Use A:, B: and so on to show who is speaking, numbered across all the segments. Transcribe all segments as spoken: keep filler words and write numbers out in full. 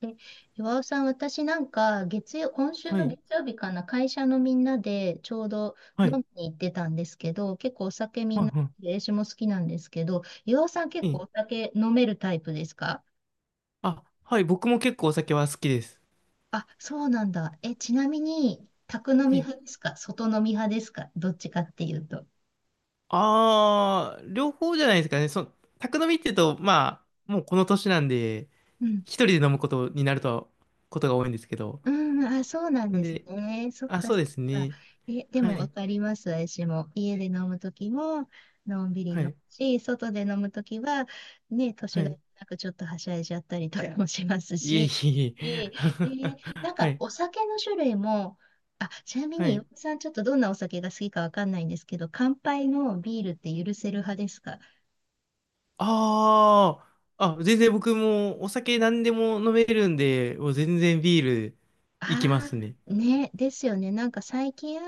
A: で、岩尾さん、私なんか月曜、今週
B: は
A: の
B: い。
A: 月曜日かな、会社のみんなでちょうど
B: はい。は
A: 飲
B: い。
A: みに行ってたんですけど、結構お酒みんな、
B: は
A: 私も好きなんですけど、岩尾さん
B: い。
A: 結構
B: え
A: お
B: え。
A: 酒飲めるタイプですか？
B: あ、はい。僕も結構お酒は好きです。
A: あ、そうなんだ。え、ちなみに、宅飲
B: は
A: み
B: い。
A: 派ですか？外飲み派ですか？どっちかっていうと。
B: あー、両方じゃないですかね。そ、宅飲みっていうと、まあ、もうこの年なんで、一人で飲むことになると、ことが多いんですけど。
A: うん、あ、そうなん
B: なん
A: です
B: で、
A: ね。そっ
B: あ、
A: か
B: そう
A: そ
B: で
A: っ
B: す
A: か。
B: ね。
A: え、で
B: は
A: もわ
B: い。
A: かります、私も。家で飲むときも、のんびり飲
B: は
A: む
B: い。
A: し、外で飲むときは、ね、年
B: は
A: がい
B: い。
A: なくちょっとはしゃいじゃったりとかもします
B: いえい
A: し。
B: え い
A: え
B: え。
A: えーな ん
B: は
A: か
B: い。
A: お酒の種類も、あ、ちなみ
B: は
A: に、岩
B: い。
A: 尾さんちょっとどんなお酒が好きかわかんないんですけど、乾杯のビールって許せる派ですか？
B: あー。あ、全然僕もお酒何でも飲めるんで、もう全然ビールいきま
A: あ
B: すね。
A: あ、ね、ですよね。なんか最近、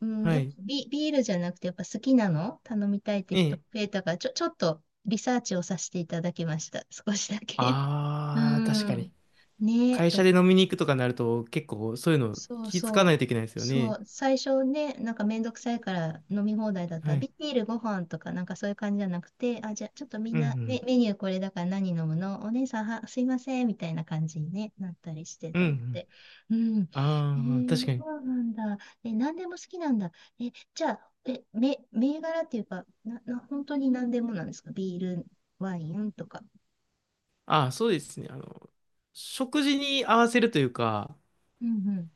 A: うん、
B: は
A: やっぱ
B: い。
A: ビ、ビールじゃなくて、やっぱ好きなの頼みたいって人
B: え
A: 増
B: え。
A: えたから、ちょ、ちょっとリサーチをさせていただきました。少しだけ。う
B: ああ、確か
A: ん。
B: に。
A: ね、
B: 会
A: と
B: 社で
A: 思っ
B: 飲
A: て。
B: みに行くとかになると、結構そういうの
A: そう
B: 気づか
A: そ
B: ない
A: う。
B: といけないですよ
A: そ
B: ね。
A: う。最初ね、なんかめんどくさいから飲み放題だった
B: は
A: ら、
B: い。
A: ビールご飯とかなんかそういう感じじゃなくて、あ、じゃあちょっとみん
B: うんう
A: なメ、
B: ん。
A: メニューこれだから何飲むの？お姉さんは、すいません、みたいな感じに、ね、なったりして
B: うん
A: と
B: う
A: 思って。
B: ん。
A: うん。え
B: ああ、確か
A: ー、そ
B: に。
A: うなんだ。え、何でも好きなんだ。え、じゃあ、え、め、銘柄っていうか、な、な、本当に何でもなんですか？ビール、ワインとか。
B: ああ、そうですね。あの、食事に合わせるというか、
A: うんうん。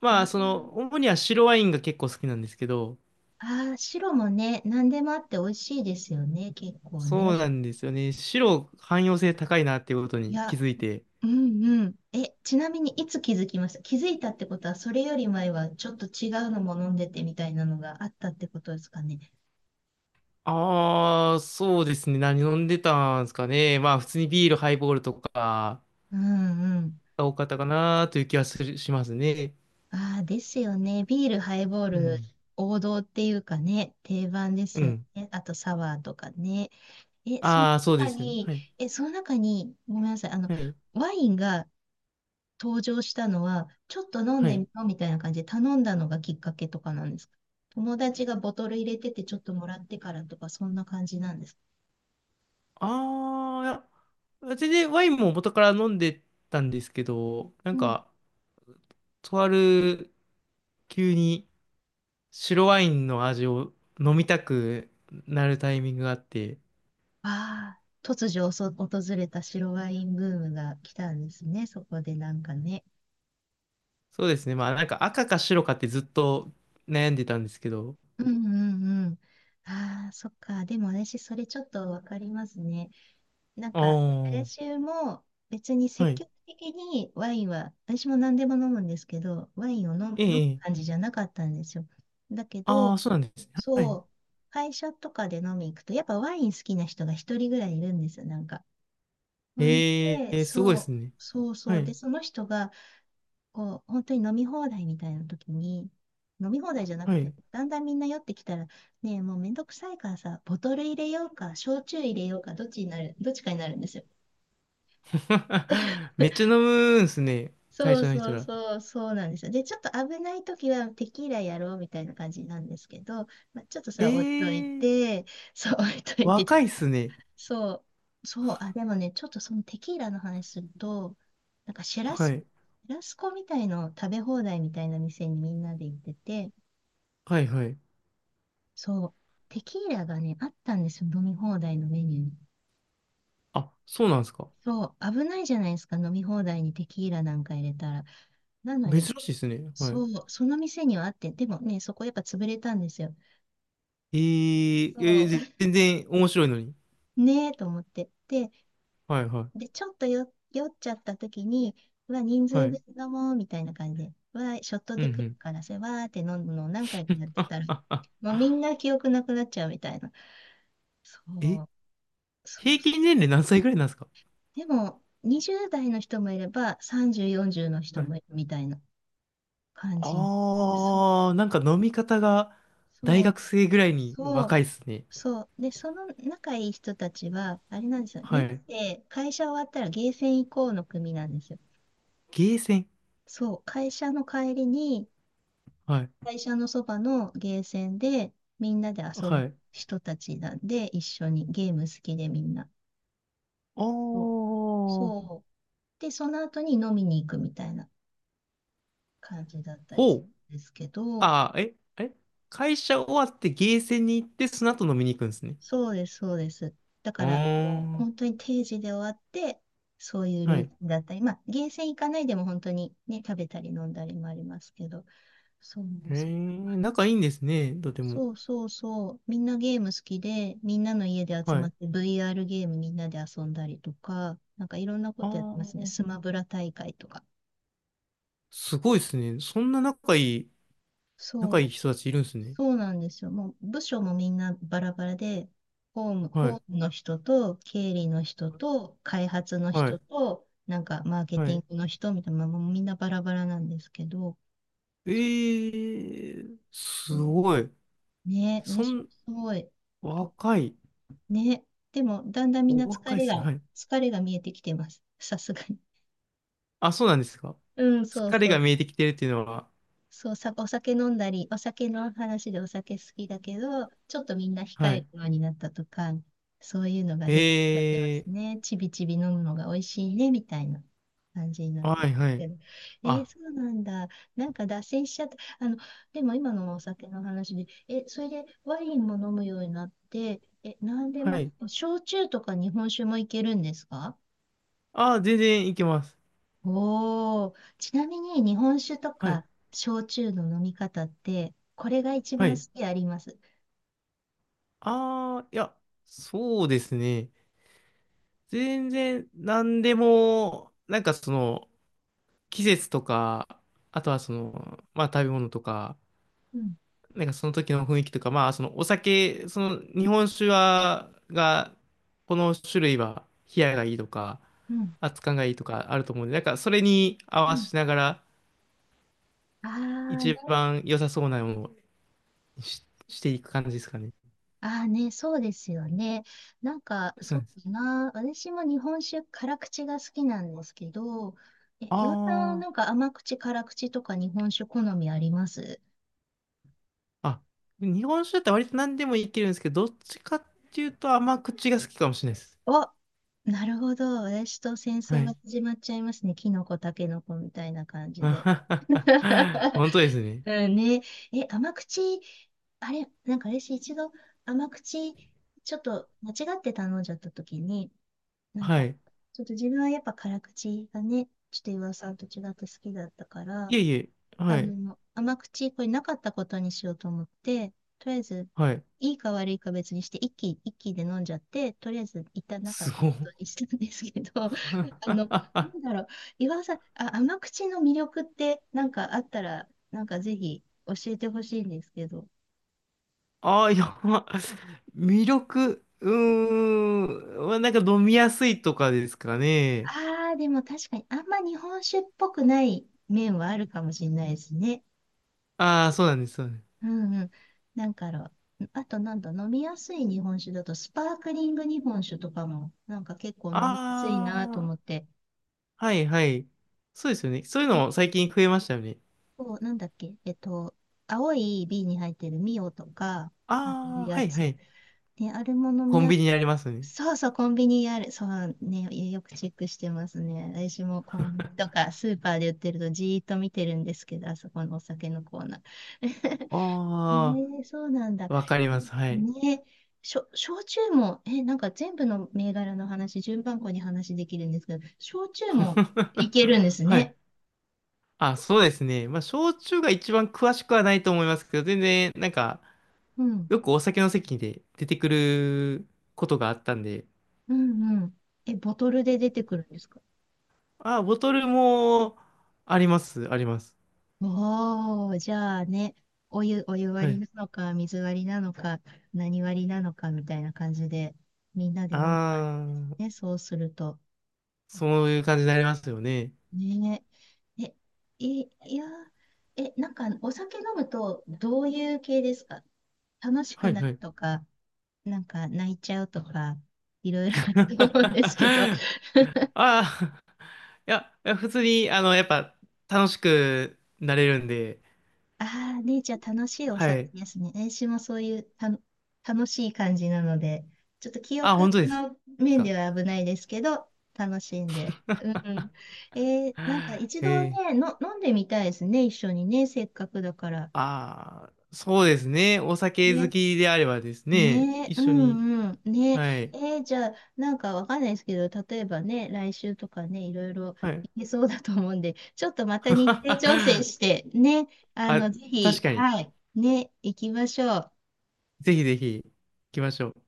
B: まあ、
A: あ
B: その、主には白ワインが結構好きなんですけど、
A: あー、白もね、何でもあって美味しいですよね、結構ね。
B: そうなんですよね。白、汎用性高いなっていうこと
A: い
B: に気
A: や、
B: づいて。
A: うんうん。え、ちなみにいつ気づきました？気づいたってことは、それより前はちょっと違うのも飲んでてみたいなのがあったってことですかね。
B: ああ、そうですね。何飲んでたんですかね。まあ、普通にビール、ハイボールとか
A: うんうん。
B: が多かったかなという気はするしますね。
A: ああ、ですよね。ビール、ハイボー
B: う
A: ル、
B: ん
A: 王道っていうかね、定番で
B: う
A: すよ
B: ん。
A: ね。あとサワーとかね。え、その
B: ああ、そう
A: 中
B: ですよね。
A: に、
B: はい。
A: え、その中に、ごめんなさい。あの、
B: はい。
A: ワインが登場したのは、ちょっと飲ん
B: は
A: でみ
B: い。
A: ようみたいな感じで頼んだのがきっかけとかなんですか？友達がボトル入れててちょっともらってからとか、そんな感じなんですか？
B: ああ、いや全然ワインも元から飲んでたんですけど、なん
A: うん。
B: か、とある急に白ワインの味を飲みたくなるタイミングがあって、
A: ああ、突如そ訪れた白ワインブームが来たんですね、そこでなんかね。
B: そうですね。まあなんか赤か白かってずっと悩んでたんですけど。
A: うんうんうん。ああ、そっか。でも私、それちょっとわかりますね。なん
B: あ
A: か、
B: あ、
A: 私も別に
B: は
A: 積
B: い。
A: 極的にワインは、私も何でも飲むんですけど、ワインを飲む、
B: え
A: 飲む
B: え、え
A: 感
B: え。
A: じじゃなかったんですよ。だけ
B: あ
A: ど、
B: あ、そうなんですね。は
A: そ
B: い。
A: う、会社とかで飲み行くと、やっぱワイン好きな人が一人ぐらいいるんですよ、なんか。ほん
B: え
A: で、
B: え、すごい
A: そ
B: で
A: う、
B: すね。
A: そうそ
B: は
A: う。で、
B: い。
A: その人が、こう、本当に飲み放題みたいな時に、飲み放題じゃなく
B: はい。
A: て、だんだんみんな酔ってきたら、ねえ、もうめんどくさいからさ、ボトル入れようか、焼酎入れようか、どっちになる、どっちかになるんですよ。
B: めっちゃ飲むんすね。会
A: そう
B: 社の
A: そ
B: 人
A: う
B: ら。
A: そう、そうなんですよ。で、ちょっと危ないときはテキーラやろうみたいな感じなんですけど、まあ、ちょっとそれ置いとい
B: ええ。
A: て、そう、置いといて、ちょ
B: 若
A: っ
B: いっ
A: と
B: すね。
A: そう、そう、あ、でもね、ちょっとそのテキーラの話すると、なんかシェラ
B: は
A: ス
B: い。
A: コ、シェラスコみたいの食べ放題みたいな店にみんなで行ってて、
B: はいはい。
A: そう、テキーラがね、あったんですよ、飲み放題のメニューに。
B: あ、そうなんですか？
A: そう、危ないじゃないですか、飲み放題にテキーラなんか入れたら。なの
B: 珍
A: に、
B: しいっすね。は
A: そ
B: い。
A: う、その店にはあって、でもね、そこやっぱ潰れたんですよ。
B: えええ
A: そ
B: ー
A: う。
B: ぜ 全然面白いのに。
A: ねえと思って。で、
B: はいは
A: で、
B: い。
A: ちょっとよ、酔っちゃった時に、うわ、人
B: は
A: 数分
B: い。
A: 飲もうみたいな感じで、うわ、ショット
B: うん
A: で
B: う
A: 来る
B: ん。
A: からさ、わーって飲むのを何回かやってたら、もうみんな記憶なくなっちゃうみたいな。そ
B: え、
A: う、そう。
B: 平均年齢何歳ぐらいなんですか？
A: でも、にじゅうだい代の人もいれば、さんじゅう、よんじゅうの
B: は
A: 人
B: い。
A: もいるみたいな感じ。そう、
B: あー、なんか飲み方が大
A: そ
B: 学
A: う。
B: 生ぐらいに
A: そ
B: 若
A: う、
B: いっすね。
A: そう。で、その仲いい人たちは、あれなんですよ。み
B: は
A: んな
B: い。
A: で会社終わったらゲーセン行こうの組なんですよ。
B: ゲーセン。
A: そう、会社の帰りに、
B: はい。
A: 会社のそばのゲーセンでみんなで遊ぶ
B: はい。
A: 人たちなんで、一緒にゲーム好きでみんな。
B: あ
A: そう。
B: ー、
A: そうで、その後に飲みに行くみたいな感じだったりす
B: ほう。
A: るんですけど、
B: あー、え、え、会社終わってゲーセンに行ってその後飲みに行くんですね。
A: そうです、そうです。だ
B: あ
A: から、もう
B: ー
A: 本当に定時で終わって、そういうル
B: は
A: ー
B: い。
A: ティンだったり、まあ、ゲーセン行かないでも本当にね、食べたり飲んだりもありますけど、そう
B: え
A: そう、
B: ー、仲いいんですね、とても。
A: そうそうそう、みんなゲーム好きで、みんなの家で集
B: は
A: まっ
B: い。
A: て ブイアール ゲームみんなで遊んだりとか、なんかいろんなこ
B: あ
A: とやってますね。ス
B: あ、
A: マブラ大会とか。
B: すごいですね。そんな仲いい、
A: そ
B: 仲いい
A: う
B: 人たちいるんですね。
A: そうなんですよ。もう部署もみんなバラバラで、ホーム、
B: は
A: ホ
B: い、
A: ームの人と、経理の人と、開発の
B: は
A: 人
B: い、
A: と、なんかマーケ
B: は
A: ティ
B: い。
A: ングの人みたいな、もうみんなバラバラなんですけど、
B: えー、すごい。
A: ね、
B: そ
A: 私も
B: ん、
A: すごい、
B: 若い。
A: ね、でもだんだんみん
B: お
A: な疲
B: 若いで
A: れ
B: すね。
A: が、
B: はい。
A: 疲れが見えてきてます。さすがに。
B: あ、そうなんですか？
A: うん、そう
B: 疲れ
A: そ
B: が
A: う。
B: 見えてきてるっていうのは。
A: そう、さ、お酒飲んだり、お酒の話でお酒好きだけど、ちょっとみんな控
B: は
A: える
B: い。
A: ようになったとか、そういうのが出てきちゃってま
B: え
A: すね。ちびちび飲むのが美味しいね、みたいな感じにな
B: ー、
A: って
B: は
A: ます
B: い、はい。
A: けど。えー
B: あ、
A: そうなんだ。なんか脱線しちゃった。あの、でも今のお酒の話で、え、それでワインも飲むようになって、え、なんで
B: は
A: も、
B: い。
A: 焼酎とか日本酒もいけるんですか？
B: あー、全然いけます。
A: おお、ちなみに日本酒と
B: はい、
A: か焼酎の飲み方って、これが一
B: は
A: 番
B: い。
A: 好きあります？
B: ああ、いや、そうですね。全然何でも、なんかその季節とか、あとはその、まあ食べ物とか、
A: うん、
B: なんかその時の雰囲気とか、まあそのお酒、その日本酒は、が、この種類は冷やがいいとか、
A: うん、
B: 熱燗がいいとかあると思うんで、なんかそれに合
A: う
B: わ
A: ん。
B: せながら
A: ああ
B: 一
A: ね、
B: 番良さそうなものをし、していく感じですかね。
A: ああね、そうですよね。なんか、
B: そ
A: そ
B: う
A: う
B: です。
A: だな。私も日本酒、辛口が好きなんですけど、え、岩田さん、
B: あ
A: なんか甘口、辛口とか日本酒好みあります？
B: あ、あ、日本酒だったら割と何でもいけるんですけど、どっちかっていうと甘口が好きかもしれないです。
A: あ、なるほど。私と戦
B: は
A: 争が
B: い。
A: 始まっちゃいますね。キノコ、タケノコみたいな感じで。
B: 本当です ね。
A: うんね。え、甘口、あれ、なんか私一度甘口、ちょっと間違って頼んじゃった時に、なん
B: は
A: か、
B: い。
A: ちょっと自分はやっぱ辛口がね、ちょっと岩尾さんと違って好きだったから、
B: いえいえ。
A: あ
B: はい。
A: の、甘口、これなかったことにしようと思って、とりあえず、
B: はい。
A: いいか悪いか別にして、一気、一気で飲んじゃって、とりあえず、一旦なかっ
B: す
A: たこ
B: ごい。
A: とに したんですけど、あの、なんだろう、岩尾さん、あ、甘口の魅力って、なんかあったら、なんかぜひ教えてほしいんですけど。
B: ああ、やば。魅力、うーん。まあなんか飲みやすいとかですかね。
A: ああ、でも確かに、あんま日本酒っぽくない面はあるかもしれないですね。
B: ああ、そうなんです。そうなんです。
A: うんうん。なんかあの、あとなんだ、飲みやすい日本酒だと、スパークリング日本酒とかも、なんか結構飲みやすいなと
B: あ
A: 思って、
B: あ、はいはい。そうですよね。そういうのも最近増えましたよね。
A: こう、なんだっけ、えっと、青い瓶に入ってるミオとか、ああいう
B: ああ、
A: や
B: はいは
A: つ。
B: い。
A: ね、あれも飲み
B: コン
A: や
B: ビ
A: す、
B: ニにありますね。
A: そうそう、コンビニにある。そうね、よくチェックしてますね。私もコンビニとかスーパーで売ってるとじーっと見てるんですけど、あそこのお酒のコーナー。
B: あ
A: ねえ、そうなんだ。ね
B: あ、わかります。はい。
A: え、ねしょ、焼酎も、え、なんか全部の銘柄の話、順番こに話できるんですけど、焼酎もいけるんで す
B: は
A: ね。
B: い。あ、そうですね。まあ、焼酎が一番詳しくはないと思いますけど、全然、なんか、
A: うん、
B: よくお酒の席で出てくることがあったんで、
A: うん、うん。え、ボトルで出てくるんですか？
B: あ、ボトルもあります、あります。
A: おー、じゃあね、お湯、お湯
B: は
A: 割り
B: い。
A: なのか、水割りなのか、何割りなのかみたいな感じで、みんなで飲む感じで
B: あ
A: すね。
B: あ、
A: そうすると。
B: そういう感じになりますよね。
A: ねえ。え、い、いやー、え、なんかお酒飲むとどういう系ですか？楽しく
B: はい
A: なる
B: はい。
A: とか、なんか泣いちゃうとか、いろいろあると思うんですけど。
B: ああ、いや、いや普通に、あの、やっぱ、楽しくなれるんで、
A: ああ、ね、じゃあ楽しいお
B: は
A: 酒
B: い。
A: ですね。私もそういうたの楽しい感じなので、ちょっと記
B: あ、
A: 憶
B: 本当です
A: の面で
B: か？
A: は危ないですけど、楽しんで。うんうん。えーなんか一
B: へ
A: 度
B: え。
A: ね、の、飲んでみたいですね、一緒にね、せっかくだから。
B: ああ、そうですね。お酒好
A: ね
B: きであればですね、
A: ねえ、
B: 一
A: う
B: 緒に。
A: んうん。ね
B: はい。
A: え、えーじゃあ、なんかわかんないですけど、例えばね、来週とかね、いろいろ
B: はい。
A: いけそうだと思うんで、ちょっとまた日程調整 して、ね、あ
B: あ、
A: の、ぜひ、
B: 確かに。
A: はい、ね、行きましょう。
B: ぜひぜひ行きましょう。